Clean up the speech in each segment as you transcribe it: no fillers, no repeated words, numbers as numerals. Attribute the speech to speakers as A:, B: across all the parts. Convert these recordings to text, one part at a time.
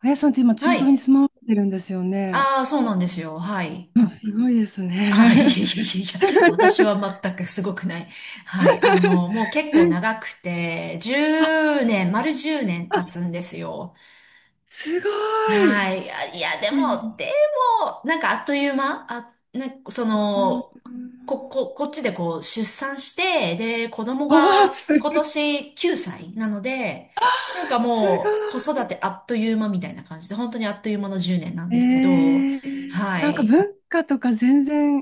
A: あやさんって今、中
B: は
A: 東
B: い。
A: に住まわれてるんですよね。
B: ああ、そうなんですよ。はい。
A: うん。すごいです
B: ああ、いやい
A: ね。
B: やいやいや、私は全くすごくない。はい。もう結
A: う
B: 構
A: ん。
B: 長くて、
A: あ、
B: 10年、丸10年経つ
A: あ
B: んですよ。
A: すごい。
B: はい。あいや、でも、
A: う
B: でも、なんかあっという間、なんかその、こっちでこう出産して、で、子供
A: おー、
B: が
A: す、
B: 今年9歳なので、なんか
A: すご
B: もう子
A: い。
B: 育てあっという間みたいな感じで、本当にあっという間の10年なん
A: え
B: ですけど、は
A: なんか
B: い。
A: 文化とか全然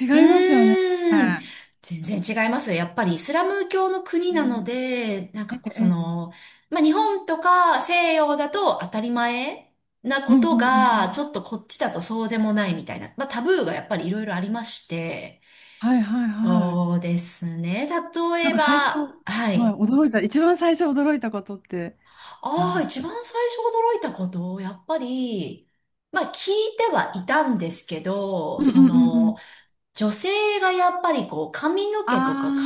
A: 違
B: う
A: いますよね。う
B: ーん。全然違いますよ。やっぱりイスラム教の国なの
A: ん。
B: で、なんか
A: え
B: こう
A: え、
B: まあ、日本とか西洋だと当たり前な
A: う
B: こ
A: んうん
B: と
A: うんう
B: が、ち
A: ん。
B: ょっとこっちだとそうでもないみたいな、まあ、タブーがやっぱりいろいろありまして、
A: はいはいはい。
B: そうですね。例
A: なん
B: え
A: か最初、は
B: ば、は
A: い、
B: い。
A: 驚いた、一番最初驚いたことって何
B: あ
A: で
B: あ、
A: す
B: 一
A: か？
B: 番最初驚いたこと、やっぱり、まあ聞いてはいたんですけど、
A: うんうんうん。
B: 女性がやっぱりこう髪の毛とか
A: あ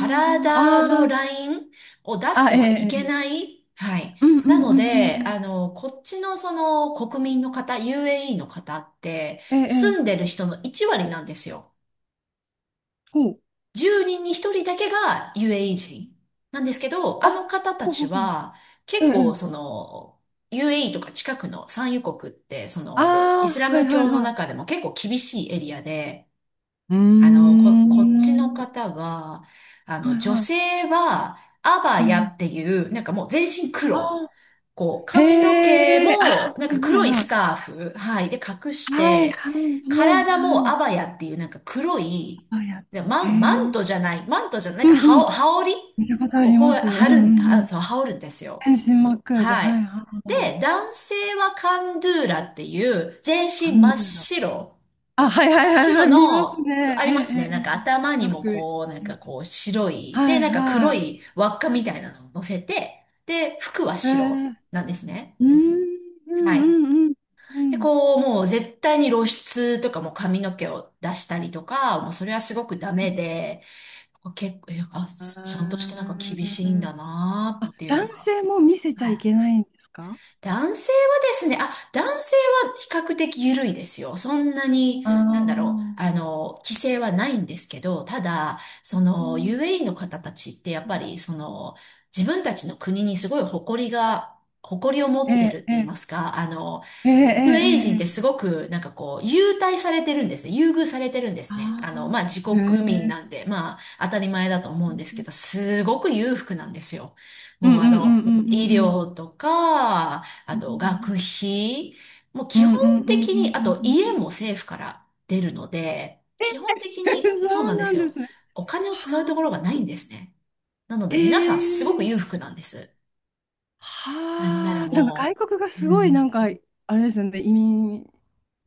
A: あ、
B: の
A: あ
B: ラ
A: あ、
B: インを出し
A: あ、
B: て
A: ええ、
B: はい
A: え
B: け
A: え、
B: ない。はい。
A: うんう
B: な
A: ん
B: の
A: うんうん
B: で、
A: うん、
B: こっちのその国民の方、UAE の方って
A: ええ、ええ、
B: 住んでる人の1割なんですよ。
A: ほう、
B: 10人に1人だけが UAE 人なんですけど、あ
A: あ、
B: の方た
A: ほうほ
B: ち
A: うほう、
B: は
A: ええ、
B: 結
A: え
B: 構そ
A: え。
B: の UAE とか近くの産油国ってそ
A: あ
B: のイ
A: あ、
B: スラ
A: はい
B: ム
A: はい
B: 教の
A: は
B: 中
A: い。
B: でも結構厳しいエリアで、
A: うー
B: こっちの
A: ん、
B: 方は、
A: はい
B: 女
A: は
B: 性は、アバ
A: い、え
B: ヤ
A: え、
B: っていう、なんかもう全身
A: あ
B: 黒。
A: あ、
B: こう、
A: へ
B: 髪の毛
A: え、あ
B: も、
A: あ、
B: なん
A: は
B: か
A: いはい
B: 黒い
A: は
B: ス
A: い、
B: カーフ、はい、で隠し
A: はい
B: て、
A: はいはい
B: 体も
A: は
B: ア
A: い、
B: バヤっていうなんか黒い、
A: あ、やっ
B: で
A: てんの、
B: マン、マン
A: へえ、
B: トじゃない、マントじゃない、
A: う
B: なんか
A: んう
B: 羽織、
A: ん、
B: 羽織
A: 見たことあ
B: を
A: り
B: こ
A: ま
B: う、
A: す、うんう
B: 貼るん、
A: ん
B: あ、
A: うん、
B: そう、羽織るんですよ。
A: 全身真っ黒で、
B: は
A: はい
B: い。
A: はいは
B: で、
A: い、
B: 男性はカンドゥーラっていう、全
A: パ
B: 身真っ
A: ンダロ、
B: 白。
A: あ、はいは
B: 真っ
A: いはいは
B: 白
A: い、見ます
B: の、そう
A: ね、
B: あ
A: ええ、
B: り
A: え
B: ますね。
A: え、
B: なん
A: え
B: か頭
A: え、
B: に
A: よ
B: も
A: く。
B: こう、なんかこう白い、
A: は
B: で、
A: い
B: なんか
A: は
B: 黒
A: い。
B: い輪っかみたいなのを乗せて、で、服は
A: え
B: 白
A: ー、
B: なんですね。
A: うーん、う
B: は
A: ん、
B: い。
A: うん、うん。う
B: で、
A: ん。
B: こう、もう絶対に露出とかも髪の毛を出したりとか、もうそれはすごくダメで、結構、ちゃんと
A: あ
B: してなんか厳しいん
A: ー
B: だな
A: あ。
B: ーっていうの
A: 男
B: が。
A: 性も見せちゃ
B: は
A: いけ
B: い。
A: ないんですか？
B: 男性は比較的緩いですよ。そんなに、
A: ああ
B: なんだろう、
A: ー、
B: 規制はないんですけど、ただ、そ
A: う
B: の
A: ん。
B: UAE の方たちってやっぱり、自分たちの国にすごい誇りが、誇りを
A: え
B: 持ってるっ
A: え、
B: て
A: え
B: 言い
A: え、
B: ますか、
A: ええ、ええ、
B: UAE 人って
A: え
B: す
A: え。
B: ごく、なんかこう、優待されてるんですね。優遇されてるんですね。まあ、
A: あ
B: 自
A: あ、
B: 国
A: え
B: 民
A: え、
B: なんで、まあ、当たり前だと思
A: う
B: うんですけ
A: ん
B: ど、すごく裕福なんですよ。
A: うん
B: もう
A: うんうんう
B: 医
A: んうん。
B: 療とか、
A: う
B: あと学
A: ん
B: 費、もう
A: う
B: 基本
A: んうんうん
B: 的に、あ
A: うん
B: と
A: うん。
B: 家も政府から出るので、基本的
A: そ
B: にそうなん
A: う
B: で
A: な
B: す
A: んで
B: よ。
A: すね。
B: お金を
A: は
B: 使うところ
A: あ。
B: がないんですね。なので
A: え
B: 皆さんすごく裕
A: え。
B: 福なんです。なんなら
A: はあ、なんか外
B: も
A: 国が
B: う、う
A: すごいな
B: ん、
A: んか、あれですよね、移民、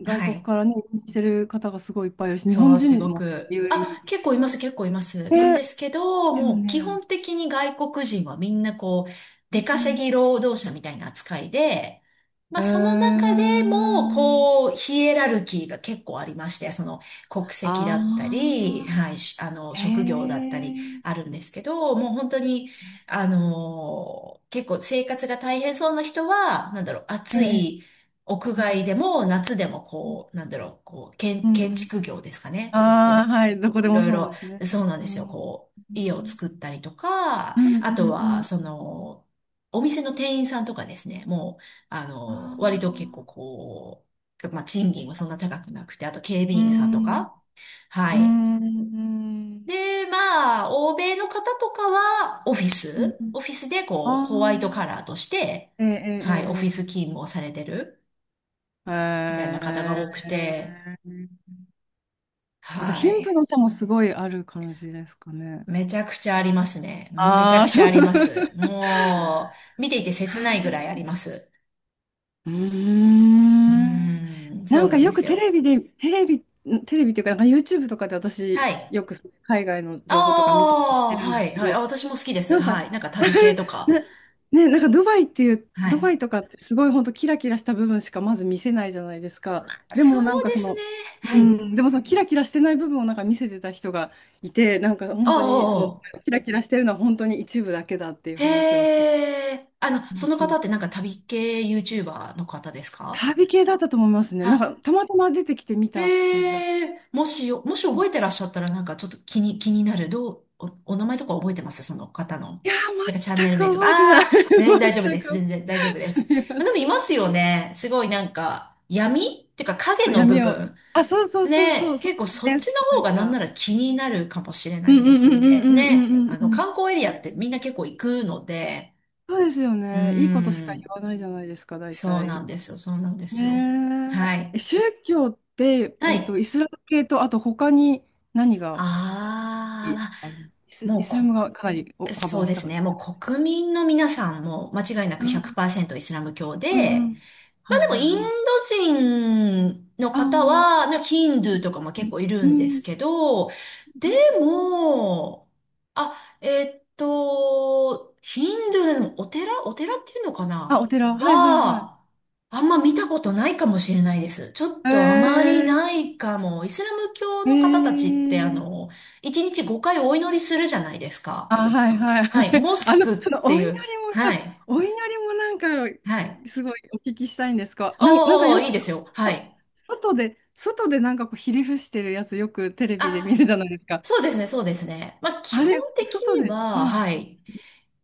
A: 外
B: は
A: 国
B: い。
A: からね、移民してる方がすごいいっぱいいるし、日
B: そ
A: 本
B: う、す
A: 人
B: ご
A: もね
B: く。
A: 有
B: あ、
A: 利。
B: 結構います、結構います。なん
A: え、
B: ですけど、
A: でも
B: もう基
A: ね、
B: 本的に外国人はみんなこう、
A: う
B: 出
A: んう
B: 稼
A: ん。
B: ぎ労働者みたいな扱いで、ま
A: え
B: あその
A: ー、
B: 中でも、こう、ヒエラルキーが結構ありまして、その国籍だ
A: あ
B: ったり、
A: あ、
B: はい、しあの、
A: え
B: 職業だったり
A: ー、
B: あるんですけど、もう本当に、結構生活が大変そうな人は、なんだろう、
A: え
B: 暑
A: え、
B: い、屋
A: う
B: 外で
A: ん、
B: も夏でもこう、なんだろう、こう、
A: うん
B: 建
A: うん。
B: 築業ですかね。そう、
A: ああ、
B: こ
A: はい、どこ
B: う、
A: で
B: い
A: も
B: ろ
A: そ
B: い
A: うなん
B: ろ、
A: ですね。
B: そうなんで
A: う
B: すよ。
A: ん、うん
B: こう、家を作ったりとか、
A: うん
B: あと
A: う
B: は、
A: ん。
B: その、お店の店員さんとかですね、もう、
A: あ
B: 割と結構
A: あ、
B: こう、まあ、賃金はそんな高くなくて、あと警備
A: う
B: 員さんと
A: ん、
B: か、は
A: う
B: い。
A: ん、うん、うん。
B: で、まあ、欧米の方とかは、
A: うん。
B: オフィスでこう、
A: あ
B: ホワイトカラーとして、
A: あ、ええ
B: はい、オフィ
A: え
B: ス
A: え
B: 勤務をされてる。
A: え
B: みたいな
A: え。へ
B: 方が多く
A: え
B: て、
A: え。じゃあ、
B: は
A: 貧富
B: い。
A: の差もすごいある感じですかね？
B: めちゃくちゃありますね。めちゃ
A: あ
B: く
A: あ、
B: ち
A: そ
B: ゃあ
A: う。
B: ります。も う、見ていて切ないぐらいあります。
A: うー
B: う
A: ん。
B: ーん、
A: な
B: そ
A: ん
B: う
A: か
B: なんで
A: よく
B: す
A: テ
B: よ。
A: レビで、テレビ、テレビっていうか、なんか YouTube とかで
B: は
A: 私、
B: い。
A: よく海外の
B: あ
A: 情報とか見たりして
B: あ、
A: るんで
B: は
A: す
B: い、
A: け
B: はい。あ、
A: ど、
B: 私も好きです。
A: なんか、
B: はい。なんか旅系と か。
A: ね、ね、なんか
B: は
A: ドバ
B: い。
A: イとかってすごい本当キラキラした部分しかまず見せないじゃないですか。で
B: そ
A: も
B: う
A: なんか
B: で
A: そ
B: すね。
A: の、う
B: はい。
A: ん、でもそのキラキラしてない部分をなんか見せてた人がいて、なんか
B: お
A: 本当にその
B: ーお
A: キラキラしてるのは本当に一部だけだっていう
B: ー、
A: 話を
B: へ
A: して。
B: え。
A: そう
B: その
A: そ
B: 方
A: う。
B: ってなんか旅系 YouTuber の方ですか
A: 旅系だったと思いますね。なんか
B: あ？
A: たまたま出てきて見た感じだった。
B: へえ、もし
A: うん。
B: 覚えてらっしゃったらなんかちょっと気になる。お名前とか覚えてますその方の。
A: いやー、
B: なんかチャンネ
A: 全く
B: ル名とか。
A: 覚えてない。
B: ああ、全然大丈 夫
A: 全
B: です。
A: く。
B: 全然大丈夫で
A: す
B: す。
A: み
B: ま
A: ま
B: あでも
A: せ
B: い
A: ん。
B: ますよね。すごいなんか闇っていうか影
A: そう、
B: の部
A: 闇を。
B: 分。
A: あ、そうそうそうそ
B: ね、
A: う、そ
B: 結構
A: う
B: そっ
A: です。
B: ちの
A: な
B: 方
A: ん
B: がなん
A: か。
B: なら気になるかもしれな
A: うん
B: い
A: う
B: で
A: んう
B: すっ
A: んうん
B: て。
A: うんう
B: ね、
A: ん
B: あ
A: う
B: の
A: んうん。
B: 観光エリアってみんな結構行くので、
A: そうですよ
B: うー
A: ね。いいことしか言
B: ん、
A: わないじゃないですか、大
B: そうな
A: 体。
B: んですよ。そうなんですよ。
A: ね
B: は
A: え。
B: い。
A: え、宗教って、
B: はい。
A: イスラム系と、あと他に何が、
B: あ
A: いある、
B: あ、
A: イ
B: もう
A: スラム
B: こ
A: がかなりお幅
B: そ
A: を
B: う
A: 引
B: で
A: か
B: す
A: せて。
B: ね。もう国民の皆さんも間違いな
A: う
B: く
A: ん
B: 100%イスラム教
A: うんう
B: で、
A: ん。
B: ま
A: は
B: あ
A: い
B: でも
A: はい
B: イン
A: はい。
B: ド人の
A: あ
B: 方
A: あ、
B: は、ねヒンドゥーとかも結構い
A: う
B: る
A: ん。
B: んで
A: う
B: す
A: ん。
B: けど、でも、あ、ヒンドゥーでもお寺っていうのか
A: あ、お
B: な
A: 寺。はいはいはい。
B: は、あんま見たことないかもしれないです。ちょっ
A: へ
B: とあまり
A: え。
B: ないかも。イスラム教の方た
A: へ
B: ちって
A: え。
B: 1日5回お祈りするじゃないですか。
A: あ、はいはい。
B: はい、モスクっ
A: その
B: て
A: お
B: い
A: 祈
B: う、
A: りも、そ
B: は
A: う、
B: い、
A: お祈りもなんか、
B: はい。
A: すごいお聞きしたいんですか。なんか
B: おーおー、
A: よ
B: い
A: く、
B: い
A: そ
B: ですよ。はい。
A: 外で、外でなんかこう、ひり伏してるやつ、よくテレビで見る
B: あ、
A: じゃないですか。
B: そうですね、そうですね。まあ、基
A: あ
B: 本
A: れ、
B: 的
A: 外
B: に
A: で、
B: は、
A: はい。
B: はい。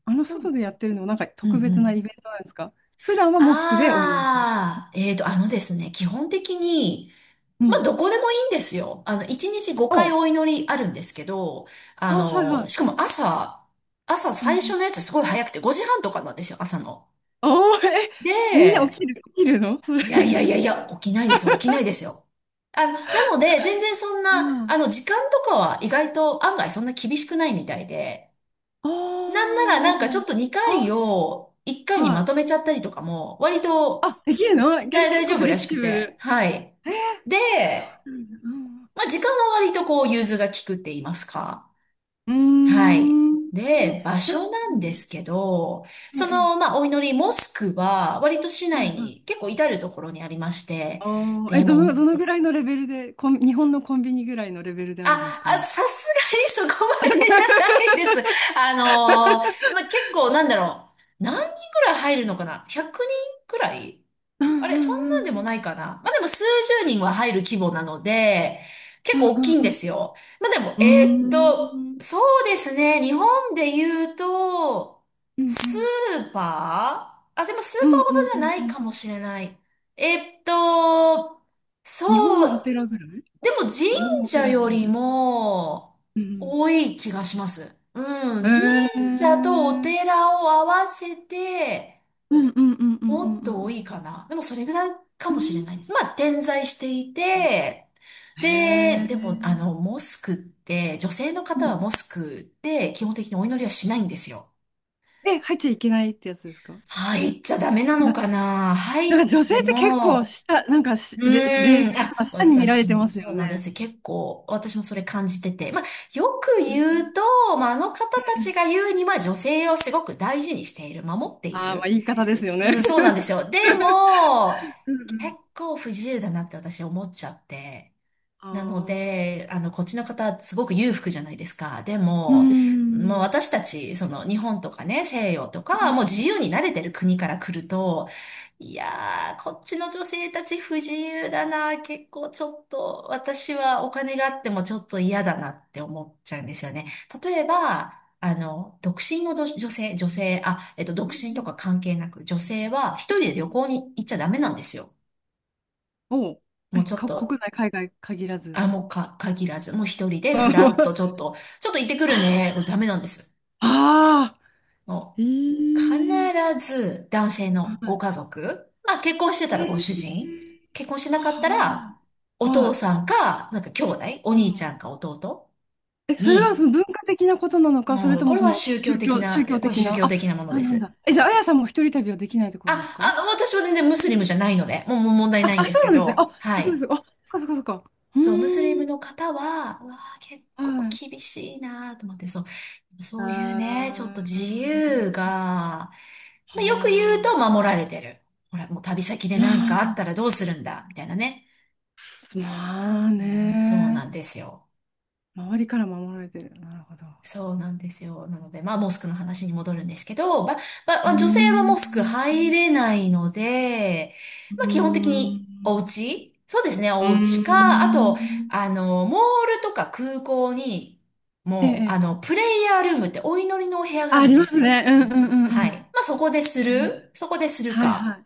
A: あの、
B: う
A: 外
B: ん、
A: でやってるのも、なんか
B: う
A: 特
B: ん、う
A: 別な
B: ん。
A: イベントなんですか？普段はモスクでお祈りする？
B: あー、えーと、あのですね、基本的に、
A: う
B: まあ、
A: ん。
B: どこでもいいんですよ。1日5回
A: お
B: お祈りあるんですけど、
A: あ、はいは
B: しか
A: い。
B: も朝
A: うんう
B: 最
A: ん。
B: 初のやつすごい早くて、5時半とかなんですよ、朝の。
A: おー、え、みんな起
B: で、
A: きる、起きるのそれ？
B: いやいやいやいや、起きないですよ、起きないです よ。なので、全然そんな、
A: あ
B: 時間とかは意外と案外そんな厳しくないみたいで、
A: あ、あ
B: なんならなんかちょっ
A: ー
B: と2
A: あ、
B: 回を1回
A: そう
B: に
A: は
B: ま
A: い。
B: とめちゃったりとかも、割と、
A: あ、できる
B: だ
A: のけ
B: 大
A: 結構
B: 丈
A: フ
B: 夫
A: レ
B: らし
A: キシ
B: く
A: ブ
B: て、
A: ル。
B: はい。
A: えー、
B: で、
A: そうなんだ。
B: まあ、時間は割とこう、融通が利くって言いますか。
A: う
B: はい。
A: ん。うーん。
B: で、場
A: なん
B: 所
A: か、
B: なんですけど、
A: え
B: そ
A: え、
B: の、まあ、お祈り、モスクは、割と市
A: はい
B: 内
A: は
B: に
A: い。
B: 結構至るところにありまして、
A: ああ、え、
B: でも、
A: どのぐらいのレベルで、日本のコンビニぐらいのレベルであるんですかね？
B: さすがにそこまでじゃないです。まあ、結構なんだろう。何人ぐらい入るのかな？ 100 人くらい。
A: うん
B: あ
A: う
B: れ、そんな
A: ん
B: ん
A: う
B: でもない
A: ん
B: かな。まあ、でも数十人は入る規模なので、結
A: うん
B: 構大
A: う
B: きいんです
A: ん
B: よ。まあ、でも、
A: うんうんう
B: そ
A: ん
B: うですね。日本で言うと、
A: う
B: ス
A: ん
B: ーパーあ、でもス
A: う
B: ーパ
A: んう
B: ーほど
A: ん
B: じ
A: う
B: ゃ
A: ん
B: な
A: う
B: い
A: ん
B: か
A: う
B: も
A: ん。
B: しれない。えーっと、
A: 日本
B: そ
A: のお
B: う
A: 寺ぐらい、
B: でも神
A: 日本のお
B: 社
A: 寺、
B: よ
A: 神
B: り
A: 社。
B: も
A: うん
B: 多い気がします。うん。
A: う
B: 神
A: ん。
B: 社とお寺を合わせて
A: うんうんうんうんうん
B: もっと
A: う
B: 多
A: ん
B: いかな。でもそれぐらいか
A: うん。
B: もしれないです。まあ点在してい
A: うん。
B: て、
A: へ
B: で、
A: え。
B: でもモスクって、女性の
A: う
B: 方
A: ん
B: はモスクって基本的にお祈りはしないんですよ。
A: え、入っちゃいけないってやつですか？
B: 入っちゃダメなのかな。
A: な
B: 入
A: んか
B: っ
A: 女
B: て
A: 性って結構
B: も、
A: 下、なんか
B: う
A: 例外
B: ーん。あ、
A: とか下に見られ
B: 私
A: てま
B: も
A: すよ
B: そう
A: ね。
B: なんです。結構、私もそれ感じてて。まあ、よく言うと、まあ、あの方たちが言うには、女性をすごく大事にしている、守ってい
A: ああー、まあ
B: る。
A: 言い方ですよ
B: う
A: ね。
B: ん、そうなんですよ。で も、
A: うんう
B: 結
A: ん
B: 構不自由だなって私思っちゃって。なの
A: ああ、
B: で、あの、こっちの方、すごく裕福じゃないですか。で
A: うー
B: も、まあ
A: ん。
B: 私たち、その、日本とかね、西洋と
A: う
B: か、
A: ん
B: もう自由に慣れてる国から来ると、いやー、こっちの女性たち不自由だな、結構ちょっと、私はお金があってもちょっと嫌だなって思っちゃうんですよね。例えば、あの、独身の、女性、あ、独
A: うん。
B: 身とか関係なく、女性は一人で旅行に行っちゃダメなんですよ。
A: おう、
B: もう
A: え、
B: ちょっ
A: 国
B: と
A: 内、海外限ら
B: あ、
A: ず。
B: もうか、限らず、もう一人 でフラッとち
A: あ
B: ょっと、ちょっと行ってくるね。もうダメなんです。
A: あ。
B: もう、必
A: ええ。
B: ず男性
A: は
B: のご
A: い。
B: 家族、まあ結婚して
A: え
B: たらご主
A: え。
B: 人、結婚してなかった
A: は
B: ら、
A: あ、
B: お
A: は
B: 父
A: い。
B: さんか、なんか兄弟、お
A: う
B: 兄ち
A: ん
B: ゃんか弟
A: え、それはそ
B: に、
A: の文化的なことなのか、それ
B: もう、
A: ともその宗教
B: これ
A: 的
B: 宗
A: な、
B: 教
A: あ。
B: 的なもの
A: あ、
B: で
A: なん
B: す。
A: だ。え、じゃあ、あやさんも一人旅はできないってこ
B: あ、
A: とですか？
B: 私は全然ムスリムじゃないので、もう問題
A: あ、
B: ないん
A: あ、
B: で
A: そ
B: す
A: う
B: け
A: なんですね。
B: ど、
A: あ、
B: は
A: すごい
B: い。
A: すごい。あ、そっかそっかそっか。う
B: そう、ムスリム
A: ーん。
B: の方は、うわあ、結
A: は
B: 構
A: い。
B: 厳しいなーと思って、そ
A: あ
B: ういうね、ちょっと自
A: ー
B: 由が、まあ、よく言う
A: あ
B: と
A: ー。
B: 守られてる。ほら、もう旅先で
A: う
B: 何かあった
A: ん。
B: らどうするんだ、みたいなね。
A: まあ
B: いやーそうな
A: ね。
B: んですよ。
A: 周りから守られてる。なるほど。
B: そうなんですよ。なので、まあ、モスクの話に戻るんですけど、
A: う
B: ま
A: ー
B: あ女性はモ
A: ん。
B: スク入れないので、
A: う
B: まあ、
A: ー
B: 基本的に
A: ん。
B: お家そうですね、
A: うー
B: お家か、あと、あ
A: ん。
B: の、モールとか空港に、
A: え
B: もう、あ
A: え。
B: の、プレイヤールームってお祈りのお部屋が
A: あ、
B: あ
A: あ
B: るん
A: り
B: で
A: ま
B: す
A: す
B: ね。
A: ね。うんうんうん
B: は
A: う
B: い。ま
A: ん。
B: あ、
A: あります。
B: そこでする
A: はいは
B: か。
A: い。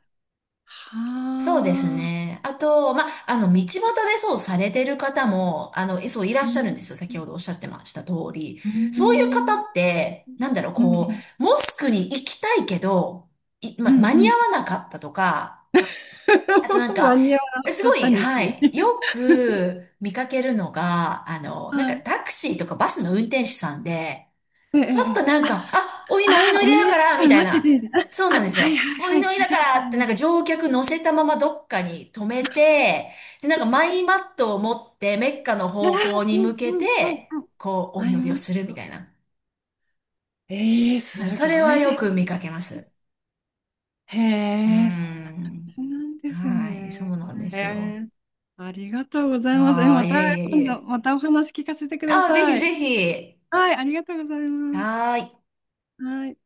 A: は
B: そうです
A: あ。
B: ね。あと、まあ、あの、道端でそうされてる方も、あの、そういらっ
A: う
B: しゃるんで
A: ん。
B: すよ。先ほどおっしゃってました通り。
A: う
B: そういう
A: ん。
B: 方って、なんだろう、
A: う
B: こ
A: ん。
B: う、モスクに行きたいけど、い、
A: う
B: ま、
A: ん。
B: 間
A: う
B: に合
A: ん。
B: わなかったとか、あとなん
A: 間
B: か、
A: に合わな
B: す
A: か
B: ご
A: った
B: い、
A: に
B: は
A: き。
B: い、よく見かけるのが、あの、なんか
A: はい。
B: タクシーとかバスの運転手さんで、
A: ええ。え
B: ちょっと
A: え、
B: なん
A: あ、
B: か、あ、お、今、お祈
A: あー、
B: り
A: お湯
B: だ
A: で
B: か
A: す
B: ら、
A: か
B: み
A: ら
B: たい
A: 待って
B: な。
A: て。
B: そう
A: あ、
B: なん
A: あ
B: です
A: はい
B: よ。
A: はい
B: お
A: はい。
B: 祈り
A: 聞い
B: だ
A: た
B: か
A: こ
B: ら
A: とあ
B: っ
A: り
B: て、な
A: ま
B: んか
A: す。
B: 乗客乗せたままどっかに止めて、で、なんかマイマットを持ってメッカの
A: あ
B: 方
A: ー、
B: 向に
A: う
B: 向
A: ん
B: け
A: うんうん
B: て、
A: うん。
B: こう、お
A: アイ
B: 祈りを
A: マッ
B: するみ
A: ト。
B: たいな。
A: ええ、す
B: はいそ
A: ご
B: れは
A: いで
B: よく見
A: す。
B: かけます。
A: へ
B: うー
A: え、そんな感じ
B: ん。
A: なんです
B: はい、そ
A: ね。
B: うなんで
A: え
B: すよ。
A: え。ありがとうございます。え、
B: ああ、
A: ま
B: いえい
A: た
B: えい
A: 今度、
B: え。
A: またお話聞かせてくだ
B: ああ、ぜひ
A: さい。
B: ぜひ。
A: はい、ありがとうございます。
B: はーい。
A: はい。